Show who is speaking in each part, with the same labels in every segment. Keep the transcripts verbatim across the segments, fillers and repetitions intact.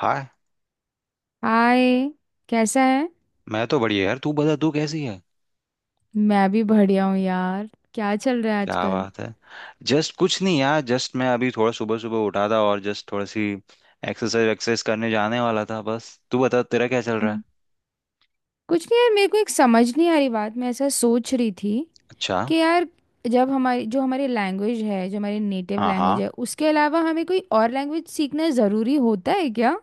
Speaker 1: हाय।
Speaker 2: Hi. कैसा है?
Speaker 1: मैं तो बढ़िया यार, तू बता तू कैसी है।
Speaker 2: मैं भी बढ़िया हूँ यार, क्या चल रहा है
Speaker 1: क्या
Speaker 2: आजकल?
Speaker 1: बात है। जस्ट कुछ नहीं यार, जस्ट मैं अभी थोड़ा सुबह सुबह उठा था और जस्ट थोड़ी सी एक्सरसाइज एक्सरसाइज करने जाने वाला था, बस तू बता तेरा क्या चल रहा है।
Speaker 2: हम्म। कुछ नहीं यार, मेरे को एक समझ नहीं आ रही बात, मैं ऐसा सोच रही थी
Speaker 1: अच्छा।
Speaker 2: कि यार, जब हमारी जो हमारी लैंग्वेज है, जो हमारी नेटिव
Speaker 1: हाँ
Speaker 2: लैंग्वेज
Speaker 1: हाँ,
Speaker 2: है, उसके अलावा हमें कोई और लैंग्वेज सीखना ज़रूरी होता है क्या?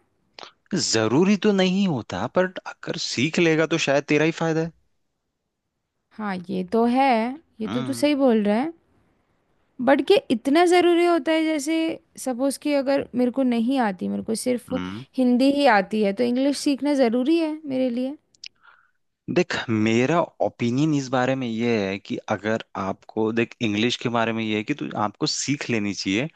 Speaker 1: जरूरी तो नहीं होता, पर अगर सीख लेगा तो शायद तेरा ही फायदा है।
Speaker 2: हाँ ये तो है, ये तो तू
Speaker 1: हम्म
Speaker 2: सही बोल रहा है। बट क्या इतना ज़रूरी होता है? जैसे सपोज़ कि अगर मेरे को नहीं आती, मेरे को सिर्फ
Speaker 1: हम्म
Speaker 2: हिंदी ही आती है, तो इंग्लिश सीखना ज़रूरी है मेरे लिए?
Speaker 1: देख मेरा ओपिनियन इस बारे में ये है कि अगर आपको देख इंग्लिश के बारे में ये है कि तू आपको सीख लेनी चाहिए।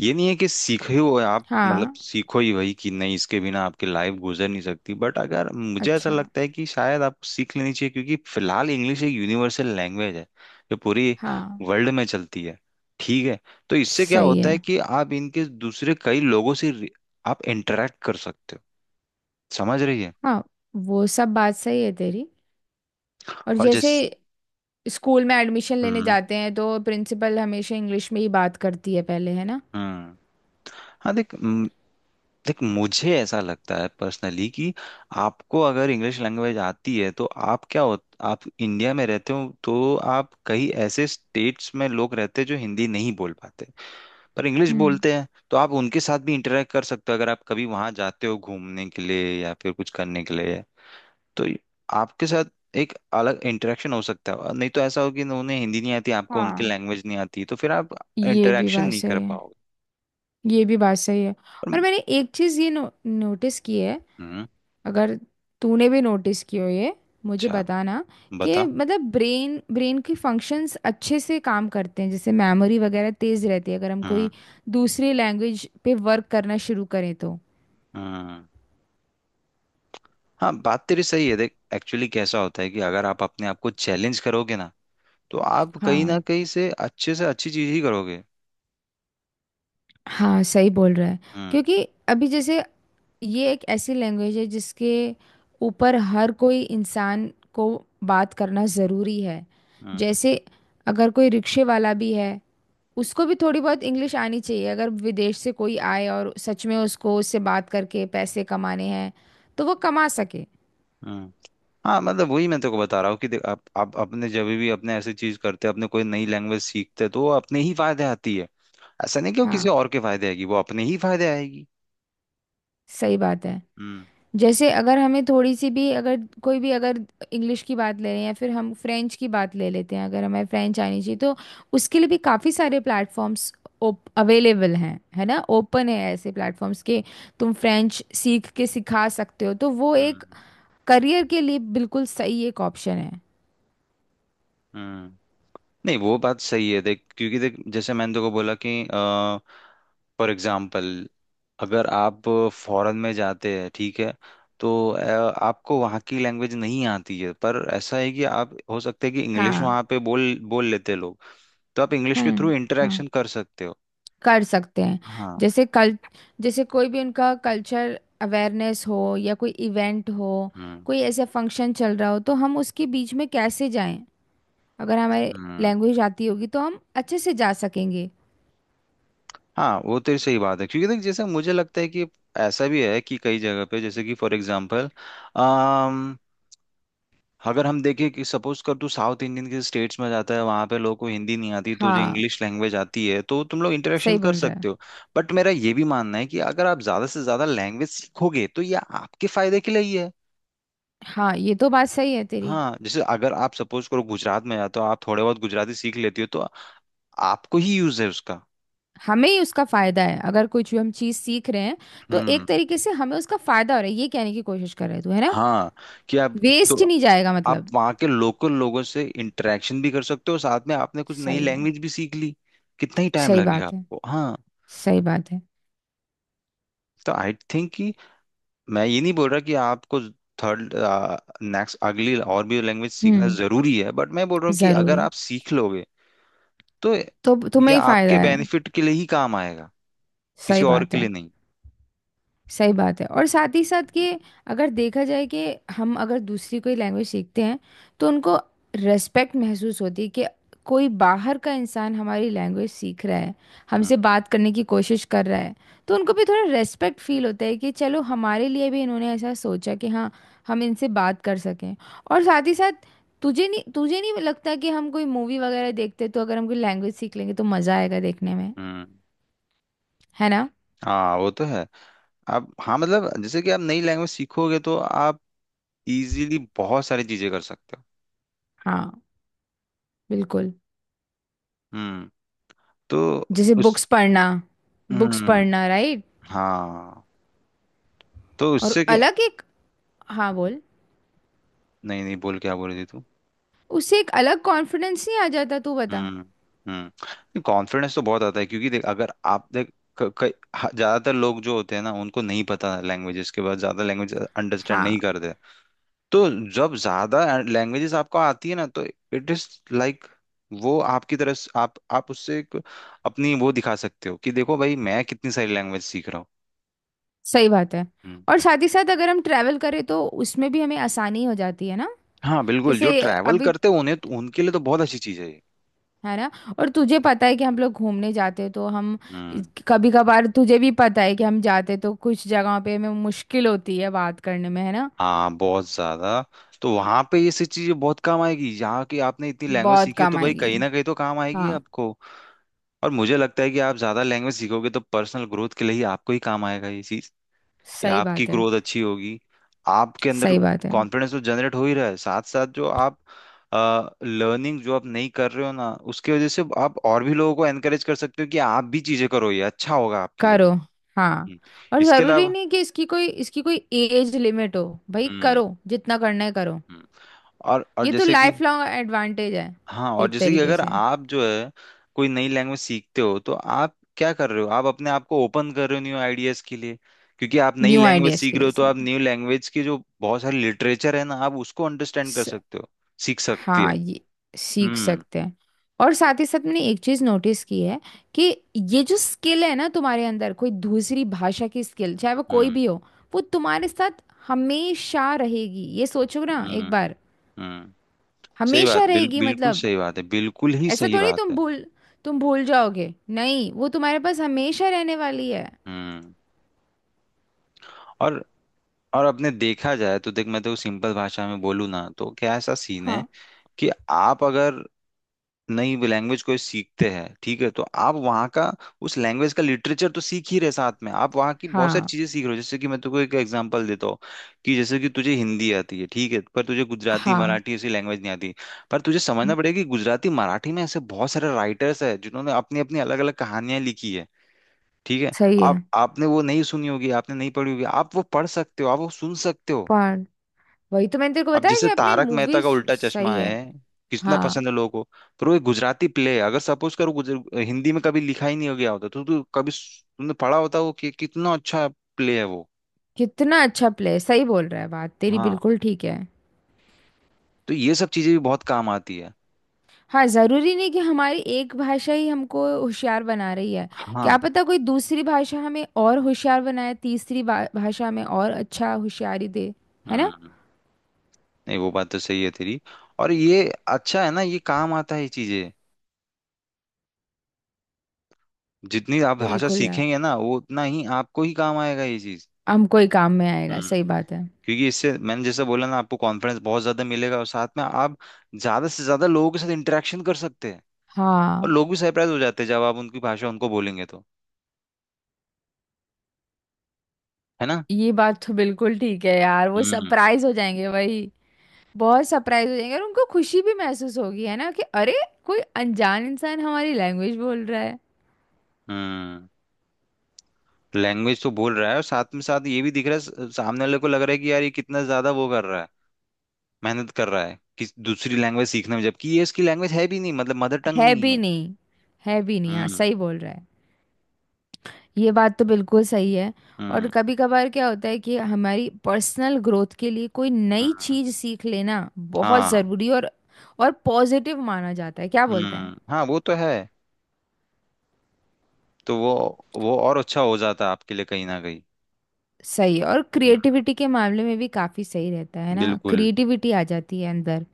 Speaker 1: ये नहीं है कि सीखे हो आप, मतलब
Speaker 2: हाँ।
Speaker 1: सीखो ही वही कि नहीं, इसके बिना आपकी लाइफ गुजर नहीं सकती, बट अगर मुझे ऐसा
Speaker 2: अच्छा।
Speaker 1: लगता है कि शायद आपको सीख लेनी चाहिए, क्योंकि फिलहाल इंग्लिश एक यूनिवर्सल लैंग्वेज है जो पूरी
Speaker 2: हाँ
Speaker 1: वर्ल्ड में चलती है। ठीक है, तो इससे क्या
Speaker 2: सही
Speaker 1: होता
Speaker 2: है।
Speaker 1: है कि आप इनके दूसरे कई लोगों से रि- आप इंटरेक्ट कर सकते हो। समझ रही है।
Speaker 2: हाँ वो सब बात सही है तेरी। और
Speaker 1: और
Speaker 2: जैसे
Speaker 1: जैस
Speaker 2: स्कूल में एडमिशन लेने
Speaker 1: हम्म।
Speaker 2: जाते हैं तो प्रिंसिपल हमेशा इंग्लिश में ही बात करती है पहले, है ना?
Speaker 1: हम्म। हाँ देख, देख मुझे ऐसा लगता है पर्सनली कि आपको अगर इंग्लिश लैंग्वेज आती है तो आप क्या हो, आप इंडिया में रहते हो तो आप कई ऐसे स्टेट्स में लोग रहते हैं जो हिंदी नहीं बोल पाते पर इंग्लिश
Speaker 2: हम्म।
Speaker 1: बोलते हैं, तो आप उनके साथ भी इंटरेक्ट कर सकते हो अगर आप कभी वहां जाते हो घूमने के लिए या फिर कुछ करने के लिए। तो ये- आपके साथ एक अलग इंटरेक्शन हो सकता है, और नहीं तो ऐसा हो कि उन्हें हिंदी नहीं आती, आपको उनकी
Speaker 2: हाँ
Speaker 1: लैंग्वेज नहीं आती, तो फिर आप
Speaker 2: ये भी
Speaker 1: इंटरेक्शन
Speaker 2: बात
Speaker 1: नहीं कर
Speaker 2: सही है,
Speaker 1: पाओगे।
Speaker 2: ये भी बात सही है।
Speaker 1: पर-
Speaker 2: और मैंने एक चीज़ ये नो, नोटिस की है,
Speaker 1: हम्म।
Speaker 2: अगर तूने भी नोटिस की हो ये, मुझे
Speaker 1: अच्छा,
Speaker 2: बताना।
Speaker 1: बता।
Speaker 2: कि मतलब ब्रेन ब्रेन की फंक्शंस अच्छे से काम करते हैं, जैसे मेमोरी वगैरह तेज़ रहती है, अगर हम
Speaker 1: हम्म।
Speaker 2: कोई दूसरी लैंग्वेज पे वर्क करना शुरू करें तो।
Speaker 1: हम्म। हाँ बात तेरी सही है। देख एक्चुअली कैसा होता है कि अगर आप अपने आप को चैलेंज करोगे ना, तो आप कहीं ना
Speaker 2: हाँ।
Speaker 1: कहीं से अच्छे से अच्छी चीज ही करोगे।
Speaker 2: हाँ सही बोल रहा है।
Speaker 1: हम्म।
Speaker 2: क्योंकि अभी जैसे ये एक ऐसी लैंग्वेज है जिसके ऊपर हर कोई इंसान को बात करना ज़रूरी है।
Speaker 1: हम्म।
Speaker 2: जैसे अगर कोई रिक्शे वाला भी है, उसको भी थोड़ी बहुत इंग्लिश आनी चाहिए, अगर विदेश से कोई आए और सच में उसको उससे बात करके पैसे कमाने हैं तो वो कमा सके।
Speaker 1: हम्म। हाँ मतलब वही मैं तेरे को बता रहा हूँ कि देख आप आप अपने जब भी अपने ऐसी चीज करते हैं, अपने कोई नई लैंग्वेज सीखते हैं तो वो अपने ही फायदे आती है। ऐसा नहीं कि वो किसी
Speaker 2: हाँ
Speaker 1: और के फायदे आएगी, वो अपने ही फायदे आएगी।
Speaker 2: सही बात है।
Speaker 1: हम्म।
Speaker 2: जैसे अगर हमें थोड़ी सी भी, अगर कोई भी, अगर इंग्लिश की बात ले रहे हैं या फिर हम फ्रेंच की बात ले लेते हैं, अगर हमें फ्रेंच आनी चाहिए तो उसके लिए भी काफ़ी सारे प्लेटफॉर्म्स अवेलेबल हैं, है ना? ओपन है ऐसे प्लेटफॉर्म्स के, तुम फ्रेंच सीख के सिखा सकते हो, तो वो एक
Speaker 1: हम्म।
Speaker 2: करियर के लिए बिल्कुल सही एक ऑप्शन है।
Speaker 1: हम्म। नहीं वो बात सही है देख, क्योंकि देख जैसे मैंने तो को बोला कि फॉर एग्जाम्पल, अगर आप फॉरेन में जाते हैं, ठीक है, तो अ, आपको वहाँ की लैंग्वेज नहीं आती है, पर ऐसा है कि आप हो सकता है कि इंग्लिश
Speaker 2: हाँ।
Speaker 1: वहाँ पे बोल बोल लेते हैं लोग, तो आप इंग्लिश के थ्रू
Speaker 2: हम्म। हाँ
Speaker 1: इंटरेक्शन कर सकते हो।
Speaker 2: कर सकते हैं।
Speaker 1: हाँ।
Speaker 2: जैसे कल, जैसे कोई भी उनका कल्चर अवेयरनेस हो या कोई इवेंट हो,
Speaker 1: हम्म।
Speaker 2: कोई ऐसा फंक्शन चल रहा हो, तो हम उसके बीच में कैसे जाएं? अगर हमारे
Speaker 1: हम्म।
Speaker 2: लैंग्वेज आती होगी तो हम अच्छे से जा सकेंगे।
Speaker 1: हाँ वो तेरी सही बात है, क्योंकि देख जैसे मुझे लगता है कि ऐसा भी है कि कई जगह पे, जैसे कि फॉर एग्जाम्पल, अगर हम देखें कि सपोज कर तू साउथ इंडियन के स्टेट्स में जाता है, वहां पे लोगों को हिंदी नहीं आती, तुझे
Speaker 2: हाँ
Speaker 1: इंग्लिश लैंग्वेज आती है, तो तुम लोग इंटरेक्शन
Speaker 2: सही
Speaker 1: कर
Speaker 2: बोल रहा है।
Speaker 1: सकते हो। बट मेरा ये भी मानना है कि अगर आप ज्यादा से ज्यादा लैंग्वेज सीखोगे तो ये आपके फायदे के लिए ही है।
Speaker 2: हाँ ये तो बात सही है तेरी।
Speaker 1: हाँ जैसे अगर आप सपोज करो गुजरात में जाते हो, आप थोड़े बहुत गुजराती सीख लेती हो, तो आपको ही यूज है उसका।
Speaker 2: हमें ही उसका फायदा है, अगर कुछ भी हम चीज सीख रहे हैं तो
Speaker 1: हम्म।
Speaker 2: एक तरीके से हमें उसका फायदा हो रहा है, ये कहने की कोशिश कर रहे है तू, है ना?
Speaker 1: हाँ, कि आप, तो
Speaker 2: वेस्ट नहीं जाएगा
Speaker 1: आप
Speaker 2: मतलब।
Speaker 1: वहाँ के लोकल लोगों से इंटरेक्शन भी कर सकते हो, साथ में आपने कुछ नई
Speaker 2: सही है।
Speaker 1: लैंग्वेज भी सीख ली। कितना ही टाइम
Speaker 2: सही
Speaker 1: लगेगा
Speaker 2: बात है।
Speaker 1: आपको, हाँ।
Speaker 2: सही बात है।
Speaker 1: तो आई थिंक, मैं ये नहीं बोल रहा कि आपको थर्ड, नेक्स्ट अगली और भी लैंग्वेज सीखना
Speaker 2: हम्म।
Speaker 1: जरूरी है, बट मैं बोल रहा हूँ कि अगर
Speaker 2: जरूरी।
Speaker 1: आप सीख लोगे तो
Speaker 2: तो
Speaker 1: ये
Speaker 2: तुम्हें ही फायदा
Speaker 1: आपके
Speaker 2: है।
Speaker 1: बेनिफिट के लिए ही काम आएगा,
Speaker 2: सही
Speaker 1: किसी और
Speaker 2: बात
Speaker 1: के
Speaker 2: है।
Speaker 1: लिए नहीं।
Speaker 2: सही बात है। और साथ ही साथ
Speaker 1: हम्म।
Speaker 2: कि अगर देखा जाए कि हम अगर दूसरी कोई लैंग्वेज सीखते हैं तो उनको रेस्पेक्ट महसूस होती है, कि कोई बाहर का इंसान हमारी लैंग्वेज सीख रहा है,
Speaker 1: हम्म।
Speaker 2: हमसे बात करने की कोशिश कर रहा है, तो उनको भी थोड़ा रेस्पेक्ट फील होता है कि चलो हमारे लिए भी इन्होंने ऐसा सोचा कि हाँ हम इनसे बात कर सकें। और साथ ही साथ तुझे नहीं तुझे नहीं लगता कि हम कोई मूवी वगैरह देखते, तो अगर हम कोई लैंग्वेज सीख लेंगे तो मज़ा आएगा देखने में,
Speaker 1: हम्म।
Speaker 2: है ना?
Speaker 1: हाँ वो तो है। आप हाँ मतलब जैसे कि आप नई लैंग्वेज सीखोगे तो आप इजीली बहुत सारी चीजें कर सकते हो।
Speaker 2: हाँ बिल्कुल।
Speaker 1: हम्म। तो
Speaker 2: जैसे
Speaker 1: उस
Speaker 2: बुक्स पढ़ना, बुक्स
Speaker 1: हम्म।
Speaker 2: पढ़ना राइट।
Speaker 1: हाँ, तो
Speaker 2: और
Speaker 1: उससे क्या,
Speaker 2: अलग एक, हाँ बोल।
Speaker 1: नहीं नहीं बोल, क्या बोल रही थी तू।
Speaker 2: उससे एक अलग कॉन्फिडेंस नहीं आ जाता? तू बता।
Speaker 1: हम्म। हम्म, कॉन्फिडेंस तो बहुत आता है, क्योंकि देख अगर आप देख क- क- ह- ज्यादातर लोग जो होते हैं ना उनको नहीं पता लैंग्वेजेस के बाद ज्यादा लैंग्वेज अंडरस्टैंड
Speaker 2: हाँ
Speaker 1: नहीं करते। तो जब ज्यादा लैंग्वेजेस आपको आती है ना, तो इट इज लाइक वो आपकी तरफ से- आप आप उससे एक अपनी वो दिखा सकते हो कि देखो भाई, मैं कितनी सारी लैंग्वेज सीख रहा हूँ।
Speaker 2: सही बात है।
Speaker 1: हम्म।
Speaker 2: और साथ ही साथ अगर हम ट्रैवल करें तो उसमें भी हमें आसानी हो जाती है ना।
Speaker 1: हाँ बिल्कुल, जो
Speaker 2: जैसे
Speaker 1: ट्रैवल
Speaker 2: अभी,
Speaker 1: करते हैं उन्हें तो, उनके लिए तो बहुत अच्छी चीज है ये।
Speaker 2: है ना, और तुझे पता है कि हम लोग घूमने जाते हैं तो हम
Speaker 1: हम्म।
Speaker 2: कभी कभार, तुझे भी पता है कि हम जाते तो कुछ जगहों पे हमें मुश्किल होती है बात करने में, है ना?
Speaker 1: हाँ, बहुत ज्यादा। तो वहां पे ये सब चीजें बहुत काम आएगी, यहाँ की आपने इतनी लैंग्वेज
Speaker 2: बहुत
Speaker 1: सीखी है तो
Speaker 2: काम
Speaker 1: भाई
Speaker 2: आएगी।
Speaker 1: कहीं ना कहीं तो काम आएगी
Speaker 2: हाँ
Speaker 1: आपको। और मुझे लगता है कि आप ज्यादा लैंग्वेज सीखोगे तो पर्सनल ग्रोथ के लिए ही आपको ही काम आएगा ये चीज, कि
Speaker 2: सही
Speaker 1: आपकी
Speaker 2: बात है।
Speaker 1: ग्रोथ अच्छी होगी। आपके अंदर
Speaker 2: सही बात है।
Speaker 1: कॉन्फिडेंस तो जनरेट हो ही रहा है, साथ साथ जो आप लर्निंग जो आप नहीं कर रहे हो ना उसकी वजह से आप और भी लोगों को एनकरेज कर सकते हो कि आप भी चीजें करो, ये अच्छा होगा आपके लिए
Speaker 2: करो।
Speaker 1: भी।
Speaker 2: हाँ।
Speaker 1: हम्म।
Speaker 2: और
Speaker 1: इसके
Speaker 2: जरूरी
Speaker 1: अलावा,
Speaker 2: नहीं कि इसकी कोई इसकी कोई एज लिमिट हो। भाई
Speaker 1: हम्म।
Speaker 2: करो, जितना करना है करो।
Speaker 1: हम्म। और और
Speaker 2: ये तो
Speaker 1: जैसे कि,
Speaker 2: लाइफ लॉन्ग एडवांटेज है
Speaker 1: हाँ और
Speaker 2: एक
Speaker 1: जैसे कि
Speaker 2: तरीके
Speaker 1: अगर
Speaker 2: से।
Speaker 1: आप जो है कोई नई लैंग्वेज सीखते हो तो आप क्या कर रहे हो, आप अपने आप को ओपन कर रहे हो न्यू आइडियाज के लिए, क्योंकि आप नई
Speaker 2: न्यू
Speaker 1: लैंग्वेज
Speaker 2: आइडियाज
Speaker 1: सीख
Speaker 2: के
Speaker 1: रहे
Speaker 2: लिए
Speaker 1: हो तो
Speaker 2: से,
Speaker 1: आप न्यू लैंग्वेज की जो बहुत सारी लिटरेचर है ना आप उसको अंडरस्टैंड कर
Speaker 2: स-,
Speaker 1: सकते हो, सीख सकती है।
Speaker 2: हाँ ये सीख
Speaker 1: हम्म।
Speaker 2: सकते हैं। और साथ ही साथ मैंने एक चीज नोटिस की है कि ये जो स्किल है ना तुम्हारे अंदर, कोई दूसरी भाषा की स्किल, चाहे वो कोई
Speaker 1: हम्म।
Speaker 2: भी हो, वो तुम्हारे साथ हमेशा रहेगी, ये सोचो ना एक
Speaker 1: हम्म।
Speaker 2: बार।
Speaker 1: हम्म। सही
Speaker 2: हमेशा
Speaker 1: बात बिल,
Speaker 2: रहेगी
Speaker 1: बिल्कुल
Speaker 2: मतलब।
Speaker 1: सही बात है, बिल्कुल ही
Speaker 2: ऐसा
Speaker 1: सही
Speaker 2: थोड़ी
Speaker 1: बात
Speaker 2: तुम
Speaker 1: है।
Speaker 2: भूल तुम भूल जाओगे, नहीं, वो तुम्हारे पास हमेशा रहने वाली है।
Speaker 1: हम्म। और और अपने देखा जाए तो देख, मैं तो सिंपल भाषा में बोलूँ ना तो क्या ऐसा सीन है
Speaker 2: हाँ।
Speaker 1: कि आप अगर नई लैंग्वेज को सीखते हैं, ठीक है, तो आप वहाँ का उस लैंग्वेज का लिटरेचर तो सीख ही रहे, साथ में आप वहाँ की बहुत सारी
Speaker 2: हाँ।
Speaker 1: चीजें सीख रहे हो, जैसे कि मैं तुमको एक एग्जांपल देता हूँ कि जैसे कि तुझे हिंदी आती है, ठीक है, पर तुझे गुजराती
Speaker 2: हाँ।
Speaker 1: मराठी ऐसी लैंग्वेज नहीं आती, पर तुझे
Speaker 2: हम्म,
Speaker 1: समझना पड़ेगा कि गुजराती मराठी में ऐसे बहुत सारे राइटर्स है जिन्होंने अपनी अपनी अलग अलग कहानियां लिखी है। ठीक है,
Speaker 2: सही है।
Speaker 1: आप आपने वो नहीं सुनी होगी, आपने नहीं पढ़ी होगी, आप वो पढ़ सकते हो, आप वो सुन सकते हो।
Speaker 2: पर वही तो मैंने तेरे को
Speaker 1: अब
Speaker 2: बताया कि
Speaker 1: जैसे
Speaker 2: अपने
Speaker 1: तारक मेहता का
Speaker 2: मूवीज।
Speaker 1: उल्टा चश्मा
Speaker 2: सही
Speaker 1: है,
Speaker 2: है।
Speaker 1: कितना पसंद
Speaker 2: हाँ।
Speaker 1: है लोगों को। पर वो एक गुजराती प्ले है, अगर सपोज करो गुजर हिंदी में कभी लिखा ही नहीं हो गया होता तो, तो कभी सु- तुमने पढ़ा होता वो कि कितना अच्छा प्ले है वो।
Speaker 2: कितना अच्छा प्ले, सही बोल रहा है, बात तेरी
Speaker 1: हाँ,
Speaker 2: बिल्कुल ठीक है।
Speaker 1: तो ये सब चीजें भी बहुत काम आती है।
Speaker 2: हाँ जरूरी नहीं कि हमारी एक भाषा ही हमको होशियार बना रही है। क्या
Speaker 1: हाँ।
Speaker 2: पता कोई दूसरी भाषा हमें और होशियार बनाए, तीसरी बा- भाषा हमें और अच्छा होशियारी दे, है ना?
Speaker 1: हम्म। नहीं वो बात तो सही है तेरी। और ये अच्छा है ना, ये काम आता है ये चीजें, जितनी आप भाषा
Speaker 2: बिल्कुल यार।
Speaker 1: सीखेंगे ना वो उतना ही आपको ही काम आएगा ये चीज।
Speaker 2: हमको ही काम में आएगा, सही बात है।
Speaker 1: क्योंकि इससे मैंने जैसा बोला ना आपको कॉन्फिडेंस बहुत ज्यादा मिलेगा और साथ में आप ज्यादा से ज्यादा लोगों के साथ इंटरेक्शन कर सकते हैं। और
Speaker 2: हाँ
Speaker 1: लोग भी सरप्राइज हो जाते हैं जब आप उनकी भाषा उनको बोलेंगे तो, है ना।
Speaker 2: ये बात तो बिल्कुल ठीक है यार, वो
Speaker 1: हम्म।
Speaker 2: सरप्राइज हो जाएंगे वही, बहुत सरप्राइज हो जाएंगे, और उनको खुशी भी महसूस होगी, है ना, कि अरे, कोई अनजान इंसान हमारी लैंग्वेज बोल रहा है।
Speaker 1: हम्म। लैंग्वेज तो बोल रहा है, और साथ में साथ ये भी दिख रहा है, स- सामने वाले को लग रहा है कि यार ये कितना ज्यादा वो कर रहा है, मेहनत कर रहा है कि दूसरी लैंग्वेज सीखने में, जबकि ये इसकी लैंग्वेज है भी नहीं, मतलब मदर टंग
Speaker 2: है
Speaker 1: नहीं
Speaker 2: भी
Speaker 1: है।
Speaker 2: नहीं, है भी नहीं, हाँ
Speaker 1: हम्म।
Speaker 2: सही बोल रहा है। ये बात तो बिल्कुल सही है। और
Speaker 1: हम्म।
Speaker 2: कभी कभार क्या होता है कि हमारी पर्सनल ग्रोथ के लिए कोई नई
Speaker 1: हम्म।
Speaker 2: चीज़ सीख लेना बहुत
Speaker 1: हाँ।
Speaker 2: ज़रूरी और और पॉजिटिव माना जाता है, क्या बोलते हैं।
Speaker 1: हम्म। हाँ वो तो है। तो वो वो और अच्छा हो जाता आपके लिए कहीं ना कहीं।
Speaker 2: सही है। और
Speaker 1: हम्म,
Speaker 2: क्रिएटिविटी के मामले में भी काफ़ी सही रहता है ना,
Speaker 1: बिल्कुल।
Speaker 2: क्रिएटिविटी आ जाती है अंदर,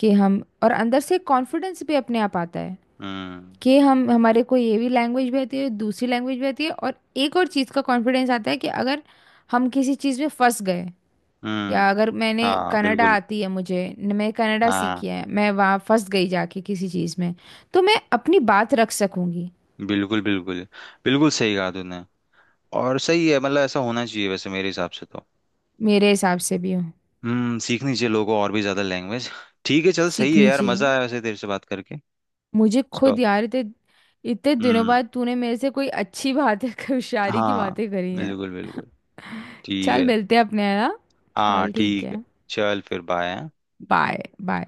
Speaker 2: कि हम, और अंदर से कॉन्फिडेंस भी अपने आप आता है
Speaker 1: हम्म।
Speaker 2: कि हम, हमारे को ये भी लैंग्वेज भी आती है, दूसरी लैंग्वेज भी आती है। और एक और चीज़ का कॉन्फिडेंस आता है कि अगर हम किसी चीज़ में फंस गए, या
Speaker 1: हम्म।
Speaker 2: अगर मैंने
Speaker 1: हाँ
Speaker 2: कनाडा
Speaker 1: बिल्कुल।
Speaker 2: आती है, मुझे न-, मैं कनाडा
Speaker 1: हाँ,
Speaker 2: सीखी है, मैं वहाँ फंस गई जाके किसी चीज़ में, तो मैं अपनी बात रख सकूँगी।
Speaker 1: बिल्कुल बिल्कुल, बिल्कुल सही कहा तूने। और सही है, मतलब ऐसा होना चाहिए वैसे मेरे हिसाब से तो।
Speaker 2: मेरे हिसाब से भी।
Speaker 1: हम्म, सीखनी चाहिए लोगों को और भी ज्यादा लैंग्वेज। ठीक है, चल सही है
Speaker 2: सीखनी
Speaker 1: यार,
Speaker 2: चाहिए।
Speaker 1: मजा आया वैसे तेरे से बात करके।
Speaker 2: मुझे खुद
Speaker 1: स्टॉप।
Speaker 2: यार इतने इतने दिनों
Speaker 1: हम्म।
Speaker 2: बाद तूने मेरे से कोई अच्छी बातें होशियारी की
Speaker 1: हाँ,
Speaker 2: बातें करी है।
Speaker 1: बिल्कुल बिल्कुल। ठीक
Speaker 2: चल
Speaker 1: है।
Speaker 2: मिलते हैं अपने, है ना?
Speaker 1: हाँ
Speaker 2: चल ठीक
Speaker 1: ठीक है।
Speaker 2: है।
Speaker 1: चल फिर बाय।
Speaker 2: Bye bye.